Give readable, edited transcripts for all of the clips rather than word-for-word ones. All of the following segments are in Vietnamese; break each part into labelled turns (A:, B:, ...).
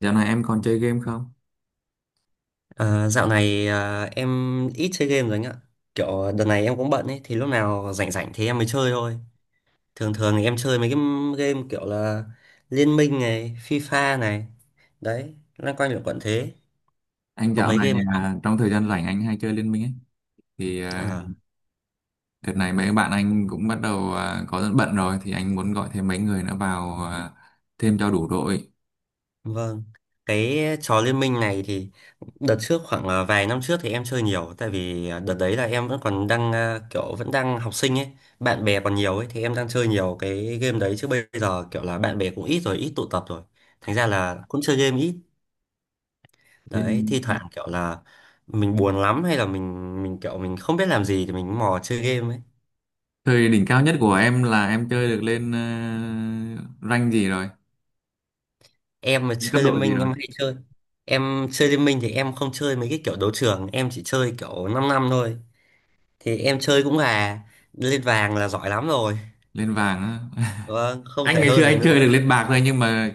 A: Dạo này em còn chơi game không?
B: À, dạo này em ít chơi game rồi anh ạ. Kiểu đợt này em cũng bận ấy, thì lúc nào rảnh rảnh thì em mới chơi thôi. Thường thường thì em chơi mấy cái game kiểu là Liên Minh này, FIFA này. Đấy, loanh quanh là quận thế.
A: Anh
B: Có
A: dạo
B: mấy
A: này
B: game không?
A: trong thời gian rảnh anh hay chơi Liên Minh ấy. Thì
B: Ờ.
A: đợt này mấy bạn anh cũng bắt đầu có bận rồi thì anh muốn gọi thêm mấy người nữa vào thêm cho đủ đội.
B: Vâng, cái trò liên minh này thì đợt trước khoảng vài năm trước thì em chơi nhiều tại vì đợt đấy là em vẫn còn đang kiểu vẫn đang học sinh ấy, bạn bè còn nhiều ấy thì em đang chơi nhiều cái game đấy chứ bây giờ kiểu là bạn bè cũng ít rồi, ít tụ tập rồi. Thành ra là cũng chơi game ít. Đấy,
A: Hiện
B: thi thoảng kiểu là mình buồn lắm hay là mình kiểu mình không biết làm gì thì mình mò chơi game ấy.
A: thời đỉnh cao nhất của em là em chơi được lên rank gì rồi?
B: Em mà
A: Lên cấp
B: chơi liên
A: độ gì
B: minh
A: rồi?
B: em hay chơi. Em chơi liên minh thì em không chơi mấy cái kiểu đấu trường, em chỉ chơi kiểu 5 năm năm thôi. Thì em chơi cũng là lên vàng là giỏi lắm rồi,
A: Lên vàng á.
B: vâng không
A: Anh
B: thể
A: ngày xưa
B: hơn được
A: anh chơi được
B: nữa.
A: lên bạc thôi, nhưng mà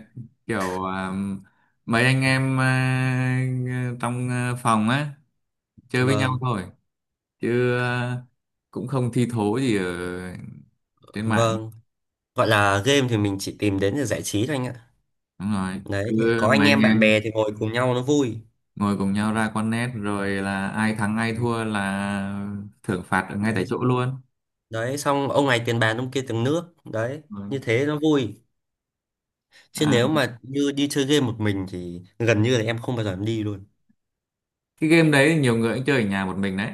A: kiểu mấy anh em trong phòng á chơi với nhau
B: Vâng,
A: thôi. Chứ cũng không thi thố gì ở trên mạng.
B: vâng, gọi là game thì mình chỉ tìm đến để giải trí thôi anh ạ.
A: Đúng rồi,
B: Đấy thì
A: cứ
B: có
A: mấy
B: anh
A: anh
B: em bạn bè
A: em
B: thì ngồi cùng nhau nó vui.
A: ngồi cùng nhau ra con nét rồi là ai thắng ai
B: Đấy,
A: thua là thưởng phạt ở ngay tại
B: đấy,
A: chỗ luôn.
B: đấy xong ông này tiền bàn ông kia tiền nước đấy,
A: Rồi.
B: như thế nó vui, chứ
A: à,
B: nếu mà như đi chơi game một mình thì gần như là em không bao giờ em đi luôn.
A: cái game đấy thì nhiều người cũng chơi ở nhà một mình đấy.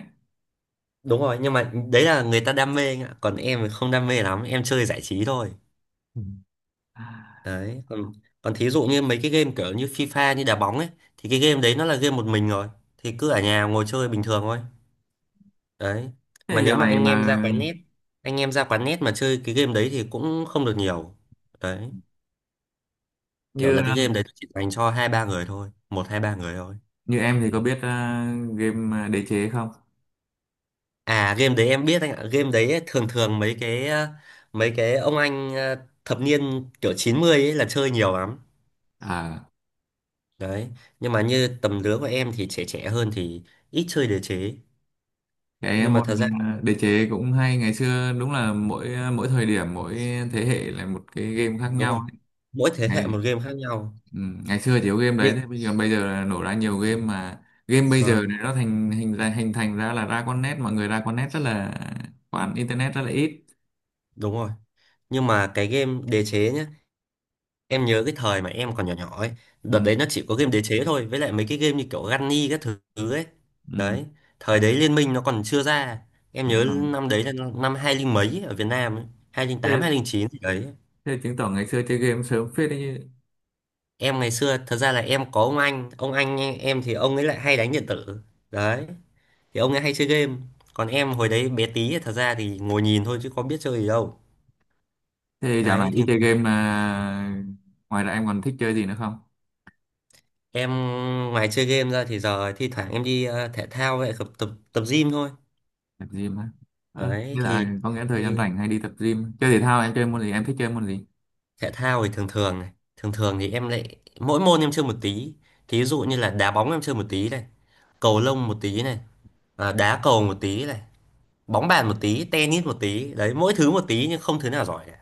B: Đúng rồi, nhưng mà đấy là người ta đam mê anh ạ, còn em thì không đam mê lắm, em chơi giải trí thôi.
A: Ừ.
B: Đấy, còn còn thí dụ như mấy cái game kiểu như FIFA như đá bóng ấy, thì cái game đấy nó là game một mình rồi, thì cứ ở nhà ngồi chơi bình thường thôi. Đấy,
A: Thế
B: mà nếu
A: dạo
B: mà
A: này
B: anh em
A: mà
B: ra quán net, anh em ra quán net mà chơi cái game đấy thì cũng không được nhiều. Đấy, kiểu
A: như
B: là cái game đấy chỉ dành cho hai ba người thôi, một hai ba người thôi.
A: như em thì có biết game đế chế không?
B: À, game đấy em biết anh ạ, game đấy ấy, thường thường mấy mấy cái ông anh, thập niên kiểu 90 ấy là chơi nhiều lắm.
A: à
B: Đấy, nhưng mà như tầm lứa của em thì trẻ trẻ hơn thì ít chơi đề chế,
A: cái
B: nhưng mà
A: môn
B: thật ra
A: đế chế cũng hay, ngày xưa đúng là mỗi thời điểm, mỗi thế hệ là một cái game khác
B: đúng
A: nhau
B: rồi,
A: ấy.
B: mỗi thế hệ
A: Ngày
B: một game khác nhau.
A: Ừ, ngày xưa chỉ có game đấy,
B: Nhưng
A: thế bây giờ là nổ ra nhiều game mà game bây giờ
B: vâng,
A: này nó thành hình ra hình thành ra là ra con nét, mọi người ra con nét rất là khoản internet rất là ít.
B: đúng rồi, nhưng mà cái game đế chế nhá, em nhớ cái thời mà em còn nhỏ nhỏ ấy,
A: Ừ,
B: đợt đấy nó chỉ có game đế chế thôi với lại mấy cái game như kiểu Gunny các thứ ấy.
A: ừ,
B: Đấy, thời đấy Liên Minh nó còn chưa ra, em
A: đúng
B: nhớ
A: rồi.
B: năm đấy là năm hai linh mấy ở Việt Nam ấy, hai linh tám
A: thế,
B: hai linh chín gì đấy.
A: thế chứng tỏ ngày xưa chơi game sớm phết đấy chứ.
B: Em ngày xưa thật ra là em có ông anh, ông anh em thì ông ấy lại hay đánh điện tử. Đấy, thì ông ấy hay chơi game, còn em hồi đấy bé tí thật ra thì ngồi nhìn thôi chứ có biết chơi gì đâu.
A: Thế dạo
B: Đấy
A: này
B: thì
A: ít chơi game mà ngoài ra em còn thích chơi gì nữa không?
B: em ngoài chơi game ra thì giờ thi thoảng em đi thể thao vậy, tập tập tập gym thôi.
A: Tập gym á? Ờ,
B: Đấy
A: như là có nghĩa là thời gian
B: thì
A: rảnh hay đi tập gym chơi thể thao, em chơi môn gì, em thích chơi môn gì?
B: thể thao thì thường thường này, thường thường thì em lại mỗi môn em chơi một tí. Thí dụ như là đá bóng em chơi một tí này, cầu lông một tí này, đá cầu một tí này, bóng bàn một tí, tennis một tí. Đấy, mỗi thứ một tí nhưng không thứ nào giỏi cả.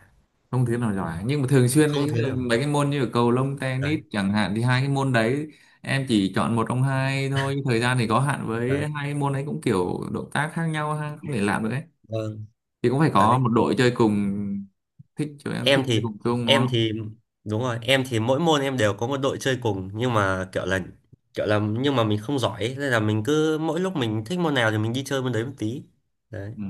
A: Không thứ nào giỏi nhưng mà thường xuyên,
B: Không
A: ý
B: thứ
A: là
B: nào.
A: mấy cái môn như là cầu lông,
B: Đấy,
A: tennis chẳng hạn thì hai cái môn đấy em chỉ chọn một trong hai thôi, nhưng thời gian thì có hạn, với
B: đấy.
A: hai cái môn ấy cũng kiểu động tác khác nhau ha, không thể làm được ấy,
B: Vâng,
A: thì cũng phải có
B: đấy.
A: một đội chơi cùng. Thích chơi Em
B: em
A: thích chơi
B: thì
A: cùng chung đúng
B: em
A: không?
B: thì đúng rồi, em thì mỗi môn em đều có một đội chơi cùng nhưng mà kiểu là nhưng mà mình không giỏi ấy, nên là mình cứ mỗi lúc mình thích môn nào thì mình đi chơi môn đấy một tí. Đấy,
A: Ừ.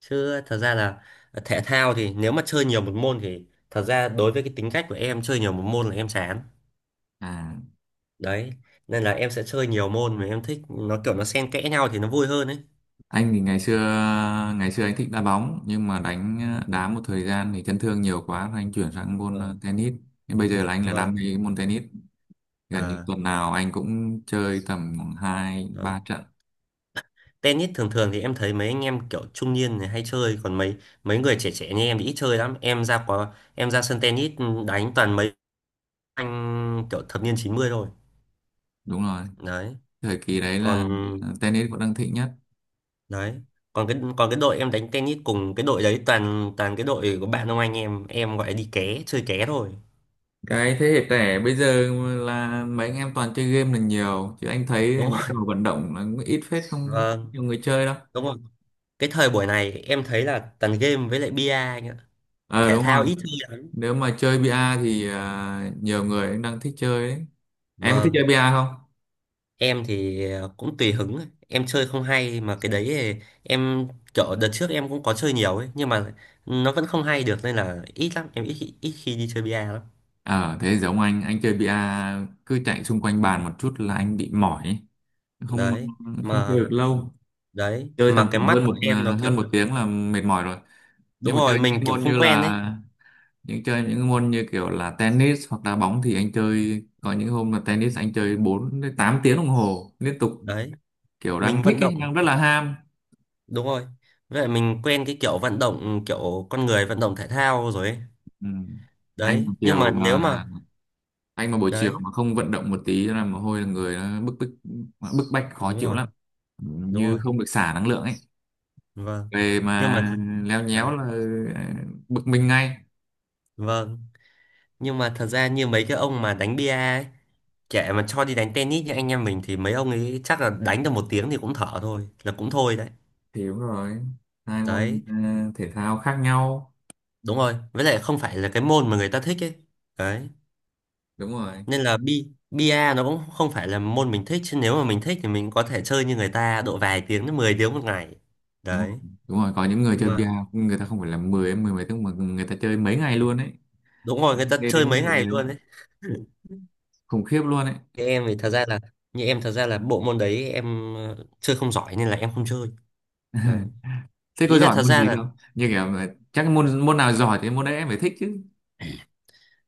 B: chứ thật ra là thể thao thì nếu mà chơi nhiều một môn thì thật ra đối với cái tính cách của em chơi nhiều một môn là em chán.
A: à
B: Đấy, nên là em sẽ chơi nhiều môn mà em thích nó kiểu nó xen kẽ nhau thì nó vui hơn ấy.
A: anh thì ngày xưa, anh thích đá bóng nhưng mà
B: Ừ,
A: đá một thời gian thì chấn thương nhiều quá rồi anh chuyển sang môn
B: vâng,
A: tennis. Nhưng bây giờ là anh là đam mê
B: vâng,
A: cái môn tennis, gần như
B: à,
A: tuần nào anh cũng chơi tầm khoảng hai ba trận.
B: tennis thường thường thì em thấy mấy anh em kiểu trung niên thì hay chơi, còn mấy mấy người trẻ trẻ như em thì ít chơi lắm, em ra có em ra sân tennis đánh toàn mấy anh kiểu thập niên 90 thôi.
A: Đúng rồi,
B: Đấy,
A: thời kỳ đấy
B: còn
A: là tennis cũng đang thịnh nhất.
B: đấy còn cái đội em đánh tennis cùng, cái đội đấy toàn toàn cái đội của bạn ông anh em gọi là đi ké chơi ké thôi.
A: Cái thế hệ trẻ bây giờ là mấy anh em toàn chơi game là nhiều chứ anh thấy
B: Đúng
A: mấy trò
B: không?
A: vận động là cũng ít phết, không
B: Vâng,
A: nhiều người chơi đâu.
B: đúng rồi, cái thời buổi này em thấy là toàn game với lại bia anh ạ,
A: ờ
B: thể
A: đúng
B: thao
A: rồi,
B: ít chơi lắm.
A: nếu mà chơi bia thì nhiều người cũng đang thích chơi đấy. Em có thích chơi
B: Vâng.
A: bia không?
B: Em thì cũng tùy hứng ấy, em chơi không hay mà cái đấy thì em kiểu đợt trước em cũng có chơi nhiều ấy nhưng mà nó vẫn không hay được nên là ít lắm, em ít khi đi chơi bia lắm.
A: Ờ thế giống anh chơi bia cứ chạy xung quanh bàn một chút là anh bị mỏi ấy. Không,
B: Đấy
A: không chơi
B: mà,
A: được lâu,
B: đấy
A: chơi tầm
B: mà cái
A: khoảng
B: mắt
A: hơn
B: của em nó kiểu
A: hơn một tiếng là mệt mỏi rồi.
B: đúng
A: Nhưng mà
B: rồi,
A: chơi những
B: mình
A: cái
B: kiểu
A: môn
B: không
A: như
B: quen ấy.
A: là những chơi những môn như kiểu là tennis hoặc đá bóng thì anh chơi có những hôm là tennis anh chơi 4 đến 8 tiếng đồng hồ liên tục,
B: Đấy,
A: kiểu đang
B: mình
A: thích
B: vận
A: ấy,
B: động
A: đang rất là ham.
B: đúng rồi, vậy mình quen cái kiểu vận động, kiểu con người vận động thể thao rồi ấy.
A: Ừ. anh
B: Đấy
A: mà
B: nhưng mà
A: chiều
B: nếu mà
A: mà anh mà buổi chiều
B: đấy
A: mà không vận động một tí là mồ hôi là người nó bức bức bức bách khó
B: đúng
A: chịu
B: rồi,
A: lắm. Ừ,
B: đúng
A: như
B: rồi,
A: không được xả năng lượng ấy,
B: vâng,
A: về
B: nhưng
A: mà
B: mà thì
A: leo nhéo
B: đấy
A: là ờ, bực mình ngay.
B: vâng, nhưng mà thật ra như mấy cái ông mà đánh bia ấy, kệ mà cho đi đánh tennis như anh em mình thì mấy ông ấy chắc là đánh được một tiếng thì cũng thở thôi là cũng thôi đấy.
A: Thì đúng rồi, hai môn
B: Đấy
A: thể thao khác nhau.
B: đúng rồi, với lại không phải là cái môn mà người ta thích ấy. Đấy
A: Đúng rồi,
B: nên là bi bia nó cũng không phải là môn mình thích, chứ nếu mà mình thích thì mình có thể chơi như người ta độ vài tiếng đến 10 tiếng một ngày.
A: đúng rồi,
B: Đấy
A: đúng rồi, có những người
B: nhưng
A: chơi
B: mà
A: bia người ta không phải là 10 mười mấy tiếng mà người ta chơi mấy ngày luôn ấy.
B: đúng rồi, người ta
A: Nghe
B: chơi
A: đến mức
B: mấy
A: độ
B: ngày
A: đấy
B: luôn đấy.
A: khủng khiếp luôn ấy.
B: Thế em thì thật ra là, như em thật ra là bộ môn đấy em chơi không giỏi nên là em không chơi. Đấy,
A: Thế có
B: ý là
A: giỏi
B: thật
A: môn
B: ra
A: gì
B: là,
A: không? Như kiểu là chắc môn môn nào giỏi thì môn đấy em phải thích chứ.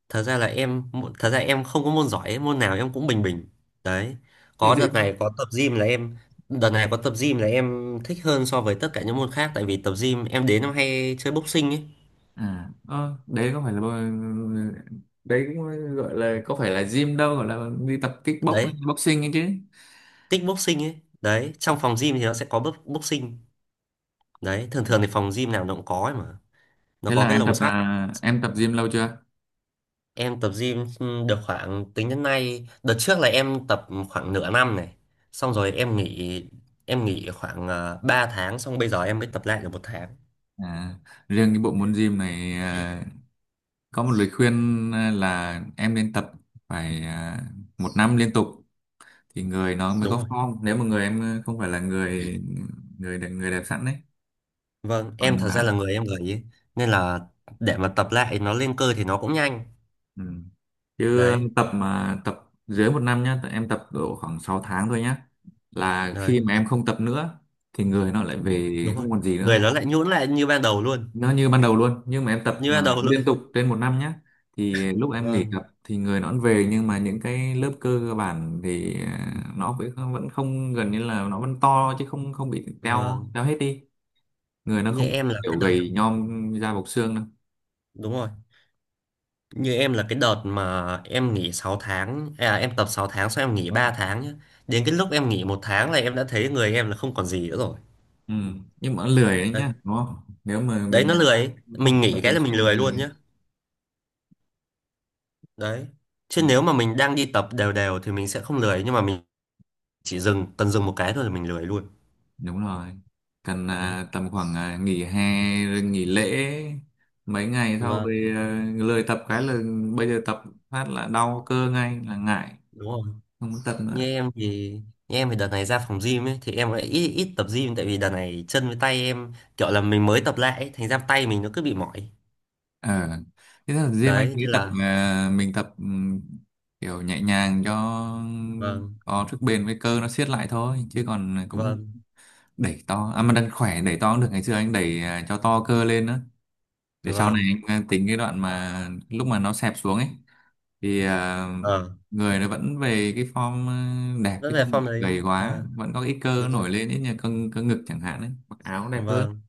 B: thật ra là em, thật ra em không có môn giỏi ấy, môn nào em cũng bình bình. Đấy,
A: Thì
B: có
A: dễ.
B: đợt này có tập gym là em, đợt này có tập gym là em thích hơn so với tất cả những môn khác, tại vì tập gym em đến em hay chơi boxing ấy.
A: À ờ, đấy có phải là bơ- đấy cũng gọi là có phải là gym đâu, gọi là đi tập kickbox
B: Đấy
A: boxing ấy chứ.
B: tích boxing ấy, đấy trong phòng gym thì nó sẽ có boxing. Đấy, thường thường thì phòng gym nào nó cũng có ấy mà, nó
A: thế
B: có
A: là
B: cái
A: em
B: lồng
A: tập
B: sắt.
A: à, em tập gym lâu chưa?
B: Em tập gym được khoảng tính đến nay, đợt trước là em tập khoảng nửa năm này, xong rồi em nghỉ, em nghỉ khoảng 3 tháng, xong bây giờ em mới tập lại được một tháng.
A: à, Riêng cái bộ môn gym này, có một lời khuyên là em nên tập phải một năm liên tục thì người nó mới
B: Đúng
A: có
B: rồi.
A: form, nếu mà người em không phải là người người đẹp sẵn đấy.
B: Vâng,
A: Còn
B: em thật ra là người em gầy ấy. Nên là để mà tập lại nó lên cơ thì nó cũng nhanh.
A: ừ. Chứ
B: Đấy,
A: tập mà tập dưới một năm nhá, em tập độ khoảng 6 tháng thôi nhá là
B: đấy,
A: khi mà em không tập nữa thì người nó lại về
B: đúng rồi.
A: không còn gì
B: Người
A: nữa,
B: nó lại nhũn lại như ban đầu luôn.
A: nó như ban đầu luôn. Nhưng mà em tập
B: Như
A: mà
B: ban đầu luôn.
A: liên tục trên một năm nhé thì lúc em nghỉ tập
B: Vâng,
A: thì người nó vẫn về, nhưng mà những cái lớp cơ cơ bản thì nó vẫn vẫn không, gần như là nó vẫn to chứ không không bị teo
B: vâng.
A: teo hết đi, người nó
B: Như
A: không
B: em là cái
A: kiểu
B: đợt,
A: gầy nhom da bọc xương đâu.
B: đúng rồi, như em là cái đợt mà em nghỉ 6 tháng, à, em tập 6 tháng xong em nghỉ 3 tháng nhá. Đến cái lúc em nghỉ một tháng là em đã thấy người em là không còn gì nữa rồi.
A: Ừ. Nhưng mà lười đấy
B: Đấy,
A: nhá đúng không? Nếu mà
B: đấy nó
A: mình
B: lười ấy.
A: không
B: Mình
A: không tập
B: nghỉ cái
A: thường
B: là
A: xuyên
B: mình lười
A: thì
B: luôn
A: lười.
B: nhá. Đấy.
A: Ừ.
B: Chứ nếu mà mình đang đi tập đều đều thì mình sẽ không lười, nhưng mà mình chỉ dừng cần dừng một cái thôi là mình lười luôn.
A: Đúng rồi, cần
B: Đấy,
A: tầm khoảng nghỉ hè rồi nghỉ lễ mấy ngày sau
B: vâng
A: về lười tập cái là bây giờ tập phát là đau cơ ngay là ngại,
B: đúng rồi.
A: không muốn tập nữa.
B: Như em thì như em thì đợt này ra phòng gym ấy thì em lại ít ít tập gym, tại vì đợt này chân với tay em kiểu là mình mới tập lại ấy, thành ra tay mình nó cứ bị mỏi.
A: Ờ thế là riêng anh
B: Đấy
A: thấy
B: nên
A: tập,
B: là
A: mình tập kiểu nhẹ nhàng cho
B: vâng,
A: có sức bền với cơ nó siết lại thôi, chứ còn cũng
B: vâng,
A: đẩy to mà đang khỏe đẩy to cũng được, ngày xưa anh đẩy cho to cơ lên nữa để sau này
B: vâng,
A: anh tính cái đoạn mà lúc mà nó xẹp xuống ấy thì
B: ờ
A: người nó vẫn về cái form đẹp
B: rất
A: chứ
B: về
A: không
B: form
A: bị
B: đấy đúng không?
A: gầy quá,
B: Ờ
A: vẫn có ít cơ
B: đúng
A: nổi
B: không?
A: lên, ít như cân cân ngực chẳng hạn ấy, mặc áo cũng đẹp hơn.
B: Vâng,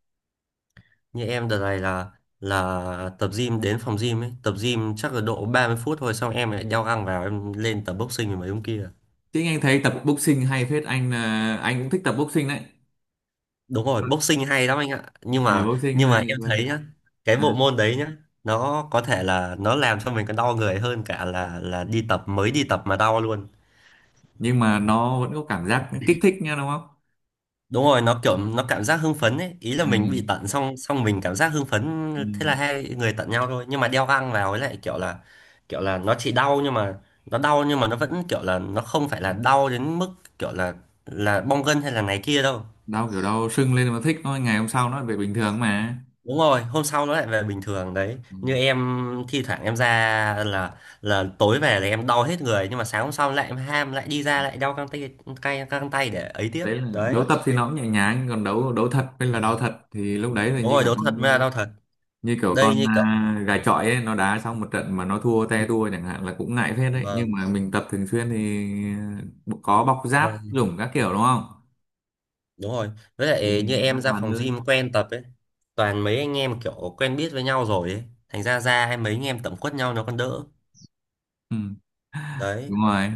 B: như em đợt này là tập gym, đến phòng gym ấy tập gym chắc là độ 30 phút thôi, xong em lại đeo găng vào em lên tập boxing với mấy ông kia.
A: Chứ anh thấy tập boxing hay phết, anh là anh cũng thích tập boxing đấy.
B: Đúng rồi, boxing hay lắm anh ạ,
A: Boxing
B: nhưng mà
A: hay
B: em
A: vậy.
B: thấy nhá, cái bộ
A: à,
B: môn đấy nhá, nó có thể là nó làm cho mình còn đau người hơn cả là đi tập, mới đi tập mà đau luôn.
A: nhưng mà nó vẫn có cảm giác kích thích nha đúng không?
B: Đúng rồi, nó kiểu nó cảm giác hưng phấn ấy, ý là
A: Ừ.
B: mình bị tận xong xong mình cảm giác hưng phấn.
A: Ừ.
B: Thế là hai người tận nhau thôi, nhưng mà đeo găng vào ấy lại kiểu là nó chỉ đau, nhưng mà nó đau nhưng mà nó vẫn kiểu là nó không phải là đau đến mức kiểu là bong gân hay là này kia đâu.
A: Đau kiểu đau sưng lên mà thích thôi, ngày hôm sau nó lại về bình thường mà.
B: Đúng rồi, hôm sau nó lại về bình thường. Đấy
A: Ừ.
B: như em thi thoảng em ra là tối về là em đau hết người, nhưng mà sáng hôm sau lại em ham lại đi ra lại đau căng tay, cay căng tay để ấy tiếp
A: Đấy là
B: đấy.
A: đấu tập thì nó cũng nhẹ nhàng, còn đấu đấu thật hay là đau
B: Vâng.
A: thật thì lúc đấy thì
B: Đúng
A: như
B: rồi
A: kiểu
B: đau
A: con,
B: thật mới là đau thật. Đây như kiểu
A: gà chọi ấy, nó đá xong một trận mà nó thua te tua chẳng hạn là cũng ngại phết đấy, nhưng
B: vâng,
A: mà mình tập thường xuyên thì à, có bọc giáp
B: vâng
A: dùng các kiểu đúng không?
B: đúng rồi, với lại
A: Thì
B: như em
A: an
B: ra
A: toàn
B: phòng
A: hơn.
B: gym quen tập ấy, toàn mấy anh em kiểu quen biết với nhau rồi ấy, thành ra ra hay mấy anh em tẩm quất nhau nó còn đỡ.
A: Ừ,
B: Đấy
A: đúng rồi.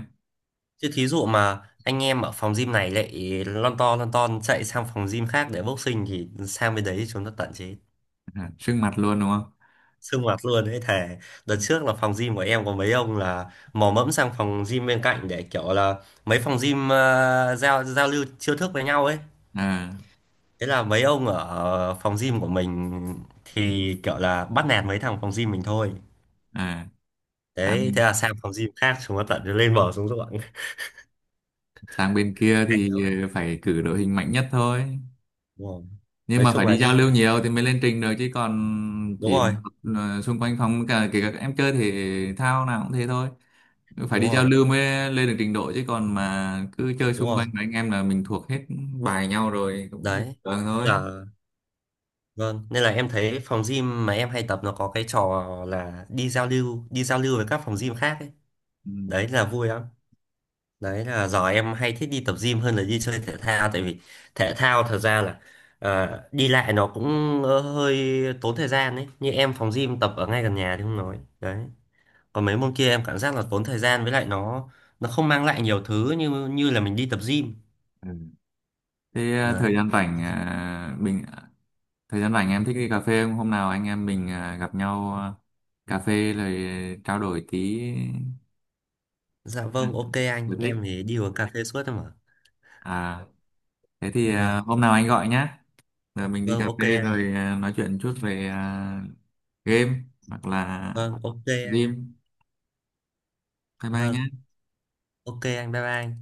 B: chứ thí dụ mà anh em ở phòng gym này lại lon to lon ton chạy sang phòng gym khác để boxing thì sang bên đấy chúng nó tận chế,
A: Sưng mặt luôn đúng không?
B: sương mặt luôn ấy thề. Đợt
A: Ừ.
B: trước là phòng gym của em có mấy ông là mò mẫm sang phòng gym bên cạnh để kiểu là mấy phòng gym giao giao lưu chiêu thức với nhau ấy,
A: à
B: thế là mấy ông ở phòng gym của mình thì kiểu là bắt nạt mấy thằng phòng gym mình thôi.
A: à sang
B: Đấy thế là sang phòng gym khác chúng nó tận lên bờ xuống ruộng.
A: sang bên kia
B: Hay lắm
A: thì
B: ấy.
A: phải cử đội hình mạnh nhất thôi.
B: Đúng rồi,
A: Nhưng
B: nói
A: mà phải
B: chung là
A: đi giao
B: đi
A: lưu nhiều thì mới lên trình được chứ còn
B: đúng
A: chỉ
B: rồi,
A: xung quanh phòng, cả kể cả các em chơi thể thao nào cũng thế thôi, phải
B: đúng
A: đi giao
B: rồi,
A: lưu mới lên được trình độ chứ còn mà cứ chơi
B: đúng
A: xung
B: rồi.
A: quanh với anh em là mình thuộc hết bài nhau rồi cũng bình
B: Đấy
A: thường
B: tức
A: thôi.
B: là vâng, nên là em thấy phòng gym mà em hay tập nó có cái trò là đi giao lưu, đi giao lưu với các phòng gym khác ấy.
A: Ừ.
B: Đấy là vui lắm. Đấy là giờ em hay thích đi tập gym hơn là đi chơi thể thao, tại vì thể thao thật ra là đi lại nó cũng hơi tốn thời gian ấy, như em phòng gym tập ở ngay gần nhà thì không nói. Đấy còn mấy môn kia em cảm giác là tốn thời gian, với lại nó không mang lại nhiều thứ như như là mình đi tập gym.
A: Ừ. Thế thời
B: Đấy,
A: gian rảnh, ờ, mình thời gian rảnh em thích đi cà phê không, hôm nào anh em mình gặp nhau cà phê rồi trao đổi tí
B: dạ
A: ờ,
B: vâng, ok
A: sở
B: anh, em
A: thích.
B: thì đi uống cà phê suốt thôi mà.
A: à Thế thì
B: Vâng.
A: hôm nào anh gọi nhé. Giờ mình đi
B: Vâng,
A: cà
B: ok
A: phê
B: anh.
A: rồi nói chuyện chút về game hoặc là
B: Vâng, ok anh.
A: gym. Bye bye
B: Vâng,
A: nhá.
B: ok anh. Bye bye anh.